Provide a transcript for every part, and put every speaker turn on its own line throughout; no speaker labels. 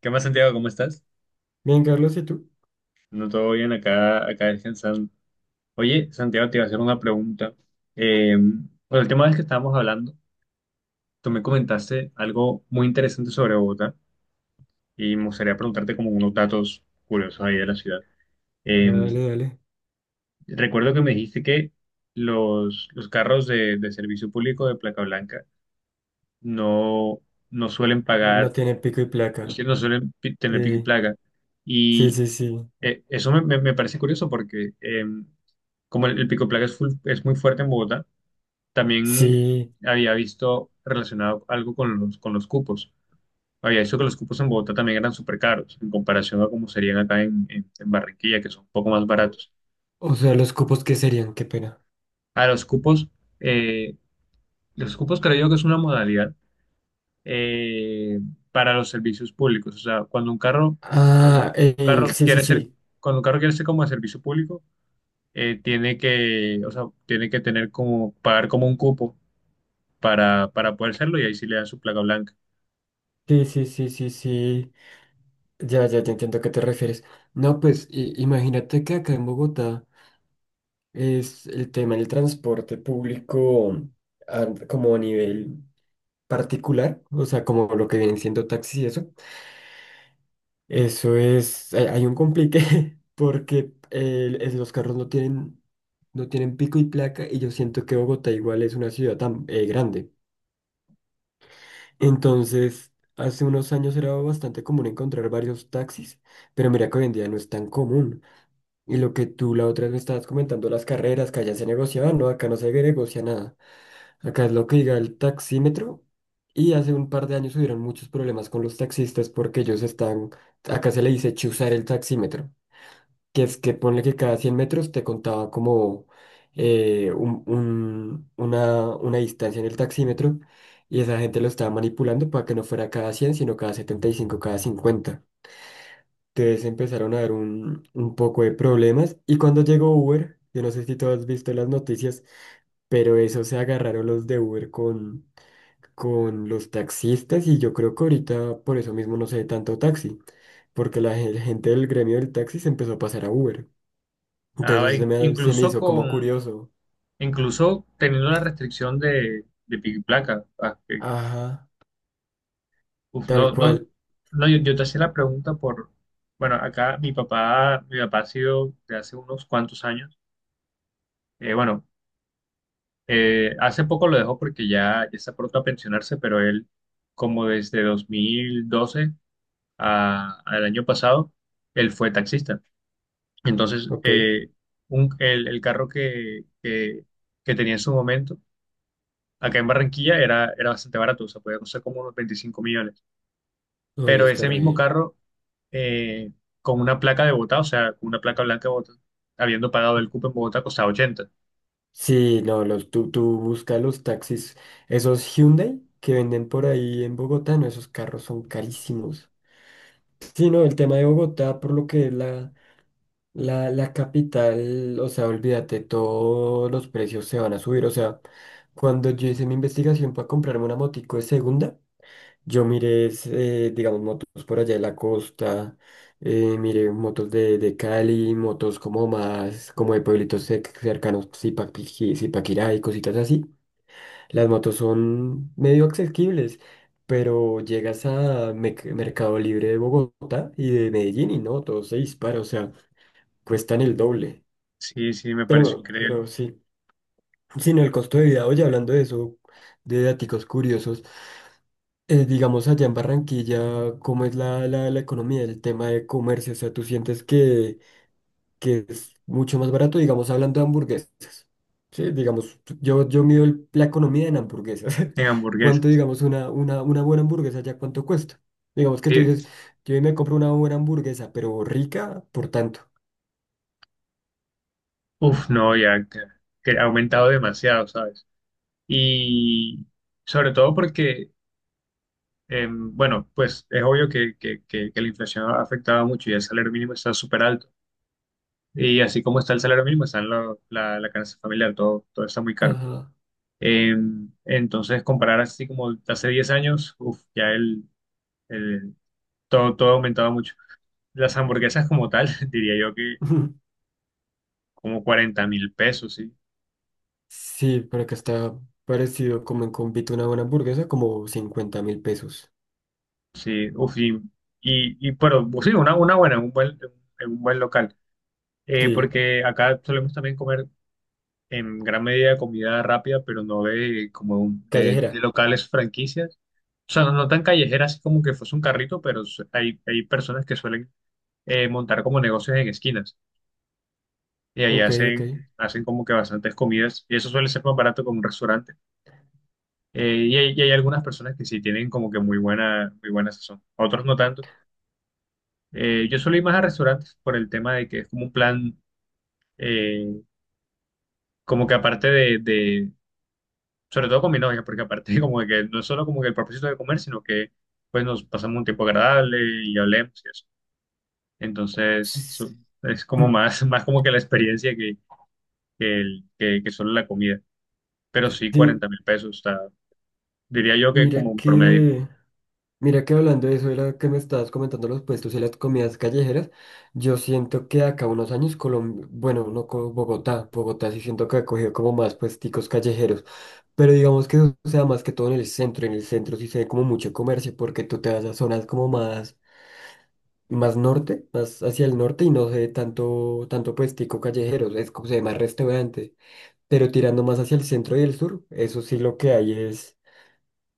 ¿Qué más, Santiago? ¿Cómo estás?
Bien, Carlos, ¿y tú?
No todo bien acá descansando. Oye, Santiago, te iba a hacer una pregunta. Bueno, el tema del que estábamos hablando, tú me comentaste algo muy interesante sobre Bogotá y me gustaría preguntarte como unos datos curiosos ahí de la ciudad. Eh,
Dale, dale.
Recuerdo que me dijiste que los carros de servicio público de placa blanca no, no suelen
No
pagar,
tiene pico y
es
placa.
decir, no suelen tener pico y
Eh,
placa.
sí, sí, sí.
Eso me parece curioso porque como el pico placa es muy fuerte en Bogotá, también
Sí.
había visto relacionado algo con los cupos. Había visto que los cupos en Bogotá también eran súper caros en comparación a como serían acá en Barranquilla, que son un poco más baratos.
O sea, los cupos, ¿qué serían? Qué pena.
A los cupos, eh, los cupos creo yo que es una modalidad eh, para los servicios públicos. O sea, eh,
Ah,
un carro
Sí, sí,
quiere ser,
sí.
cuando un carro quiere ser como de servicio público, o sea, tiene que tener como, pagar como un cupo para poder hacerlo y ahí sí le dan su placa blanca.
Sí, sí, sí, sí, sí. Ya, ya, ya entiendo a qué te refieres. No, pues imagínate que acá en Bogotá es el tema del transporte público como a nivel particular, o sea, como lo que vienen siendo taxis y eso. Eso es, hay un complique porque los carros no tienen, pico y placa y yo siento que Bogotá igual es una ciudad tan grande. Entonces, hace unos años era bastante común encontrar varios taxis, pero mira que hoy en día no es tan común. Y lo que tú la otra vez me estabas comentando, las carreras que allá se negociaban, no, acá no se negocia nada. Acá es lo que diga el taxímetro y hace un par de años hubieron muchos problemas con los taxistas porque ellos están, acá se le dice chuzar el taxímetro, que es que ponle que cada 100 metros te contaba como una distancia en el taxímetro y esa gente lo estaba manipulando para que no fuera cada 100 sino cada 75, cada 50. Entonces empezaron a dar un poco de problemas y cuando llegó Uber, yo no sé si tú has visto las noticias, pero eso se agarraron los de Uber con los taxistas y yo creo que ahorita por eso mismo no se ve tanto taxi, porque la gente del gremio del taxi se empezó a pasar a Uber.
Ah,
Entonces
va,
se me, se me hizo como curioso.
incluso teniendo la restricción de pico y placa. Ah,
Ajá,
uf,
tal
no, no,
cual.
no, yo te hacía la pregunta por, bueno, acá mi papá ha sido de hace unos cuantos años, bueno, hace poco lo dejó porque ya está pronto a pensionarse, pero él como desde 2012 al año pasado, él fue taxista. Entonces,
Ok.
el carro que tenía en su momento, acá en Barranquilla, era bastante barato, o sea, podía costar como unos 25 millones.
Oye,
Pero
está
ese
re
mismo
bien.
carro, eh, con una placa de Bogotá, o sea, con una placa blanca de Bogotá, habiendo pagado
Sí,
el cupo en Bogotá, costaba 80.
sí, no, tú buscas los taxis. Esos Hyundai que venden por ahí en Bogotá, no, esos carros son carísimos. Sí, no, el tema de Bogotá, por lo que es la capital, o sea, olvídate, todos los precios se van a subir. O sea, cuando yo hice mi investigación para comprarme una motico de segunda, yo miré, digamos, motos por allá de la costa, miré motos de Cali, motos como más, como de pueblitos cercanos, Zipaquirá y cositas así. Las motos son medio accesibles, pero llegas a Mercado Libre de Bogotá y de Medellín y no, todo se dispara, o sea, cuestan el doble.
Sí, sí, me pareció
Pero,
increíble.
pero sí, sino el costo de vida, oye, hablando de eso, de daticos curiosos. Digamos, allá en Barranquilla, ¿cómo es la economía, el tema de comercio? O sea, ¿tú sientes que, es mucho más barato, digamos, hablando de hamburguesas? Sí, digamos, yo mido la economía en hamburguesas.
En
¿Cuánto,
hamburguesas.
digamos, una buena hamburguesa ya cuánto cuesta? Digamos que tú
Eh,
dices, yo hoy me compro una buena hamburguesa, pero rica, por tanto.
Uf, no, ya que ha aumentado demasiado, ¿sabes? Y sobre todo porque bueno, pues es obvio que la inflación ha afectado mucho y el salario mínimo está súper alto. Y así como está el salario mínimo, está la canasta familiar, todo está muy caro.
Ajá.
Eh, entonces, comparar así como hace 10 años, uf, ya el- todo, ha aumentado mucho. Las hamburguesas como tal, diría yo que como 40.000 pesos, sí.
Sí, pero acá está parecido como en Convito una buena hamburguesa, como 50.000 pesos.
Sí, uf, y, pero pues sí, una buena, en un buen local.
Sí,
Porque acá solemos también comer en gran medida de comida rápida, pero no de como de
callejera.
locales franquicias. O sea, no, no tan callejeras así como que fuese un carrito, pero hay personas que suelen montar como negocios en esquinas y ahí
Ok, ok.
hacen como que bastantes comidas y eso suele ser más barato que un restaurante. Y hay algunas personas que sí tienen como que muy buena sazón, otros no tanto. Yo suelo ir más a restaurantes por el tema de que es como un plan, eh, como que aparte de, sobre todo con mi novia, porque aparte como de que no es solo como que el propósito de comer, sino que pues nos pasamos un tiempo agradable y hablemos y eso. Entonces es como
Mm.
más, más como que la experiencia que solo la comida. Pero sí,
Sí,
40.000 pesos, está, diría yo que como
mira
un promedio.
que, mira que hablando de eso, era que me estabas comentando los puestos y las comidas callejeras. Yo siento que acá unos años Colombia, bueno, no como Bogotá, Bogotá sí siento que ha cogido como más puesticos callejeros, pero digamos que eso sea más que todo en el centro sí se ve como mucho comercio porque tú te vas a zonas como más, más norte, más hacia el norte y no se ve tanto, tanto puestico callejero, es como se ve más restaurante, pero tirando más hacia el centro y el sur, eso sí lo que hay es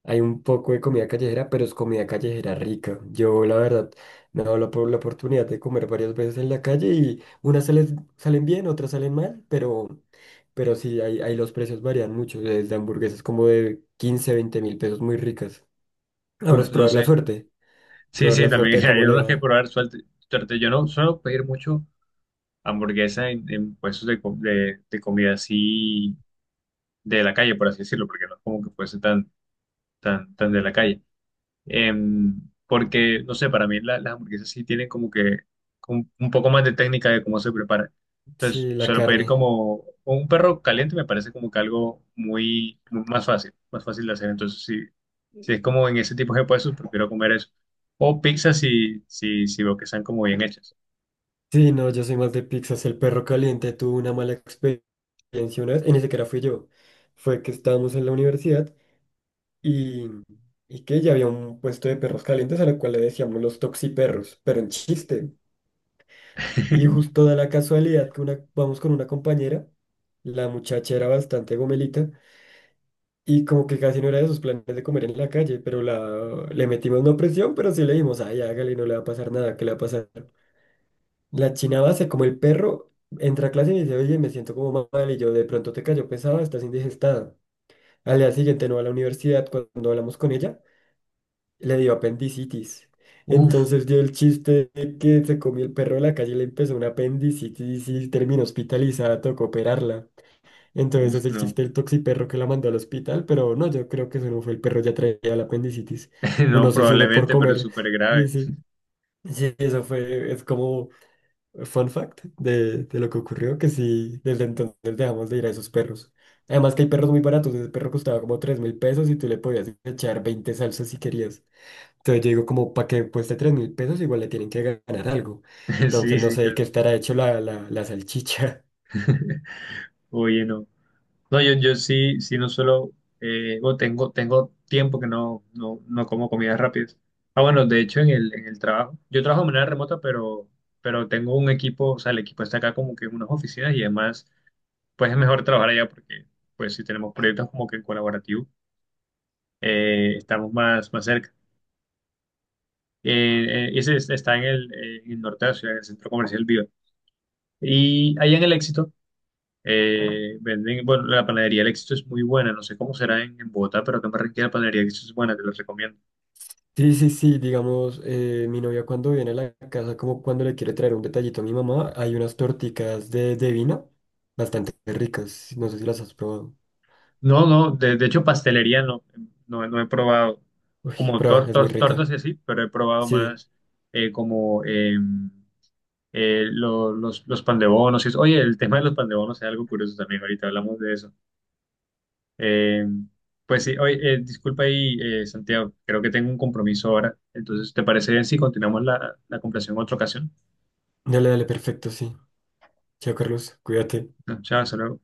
hay un poco de comida callejera, pero es comida callejera rica. Yo, la verdad, me he dado la oportunidad de comer varias veces en la calle y unas salen bien, otras salen mal, pero, sí, ahí los precios varían mucho, desde hamburguesas como de 15, 20.000 pesos muy ricas. Ahora es
Uf, no sé. Sí,
probar la
sí,
suerte
también
de
hay
cómo le
unos que
va.
probar Suerte. Yo no suelo pedir mucho hamburguesa en puestos de comida así de la calle, por así decirlo, porque no es como que fuese tan, tan, tan de la calle. Em, Porque, no sé, para mí las hamburguesas sí tienen como que un poco más de técnica de cómo se preparan. Entonces,
Sí, la
solo pedir
carne.
como un perro caliente me parece como que algo muy, muy más fácil de hacer. Entonces, si es como en ese tipo de puestos, prefiero comer eso. O pizza si veo que están como bien hechas.
Sí, no, yo soy más de pizzas. El perro caliente tuvo una mala experiencia una vez, y ni siquiera fui yo. Fue que estábamos en la universidad. y, y que ya había un puesto de perros calientes a lo cual le decíamos los toxiperros, pero en chiste. Y justo da la casualidad que una, vamos con una compañera, la muchacha era bastante gomelita y como que casi no era de sus planes de comer en la calle, pero la, le metimos no presión, pero sí le dijimos, ay, hágale, no le va a pasar nada, ¿qué le va a pasar? La china base, como el perro, entra a clase y me dice, oye, me siento como mal y yo de pronto te cayó pesado, estás indigestada. Al día siguiente no va a la universidad cuando hablamos con ella. Le dio apendicitis.
Uf,
Entonces dio el chiste de que se comió el perro de la calle y le empezó una apendicitis y terminó hospitalizada, tocó operarla. Entonces
uf,
es el
no.
chiste del toxiperro que la mandó al hospital, pero no, yo creo que eso no fue el perro, ya traía la apendicitis. O
No,
no sé si uno por
probablemente, pero es
comer.
súper
Sí,
grave.
sí. Sí, eso fue, es como fun fact de lo que ocurrió, que sí, desde entonces dejamos de ir a esos perros. Además que hay perros muy baratos, ese perro costaba como 3.000 pesos y tú le podías echar 20 salsas si querías. Entonces yo digo, como para que cueste 3.000 pesos, igual le tienen que ganar algo. Entonces
Sí,
no
sí,
sé de
claro.
qué estará hecho la salchicha.
Oye, no. No, yo sí, sí no suelo, o tengo, tiempo que no, no, no como comidas rápidas. Ah, bueno, de hecho en el trabajo, yo trabajo de manera remota, pero tengo un equipo, o sea, el equipo está acá como que en unas oficinas y además, pues es mejor trabajar allá porque, pues si tenemos proyectos como que en colaborativo, estamos más, más cerca. Ese está en el norte de la ciudad, en el centro comercial Viva. Y allá en el Éxito. Venden, bueno, la panadería El Éxito es muy buena, no sé cómo será en Bogotá, pero acá en Barranquilla la panadería El Éxito es buena, te la recomiendo.
Sí, sí, sí, digamos, mi novia cuando viene a la casa, como cuando le quiere traer un detallito a mi mamá, hay unas torticas de vino bastante ricas. No sé si las has probado.
No, no, de hecho pastelería no, no, no he probado,
Uy,
como
prueba, es muy
tortas y
rica.
así, pero he probado
Sí,
más como los pan de bonos y eso. Oye, el tema de los pan de bonos es algo curioso también, ahorita hablamos de eso. Eh, pues sí, oye, disculpa ahí, Santiago, creo que tengo un compromiso ahora, entonces, ¿te parece bien si continuamos la conversación en otra ocasión?
dale, dale, perfecto, sí. Chao, Carlos, cuídate.
No, chao, hasta luego.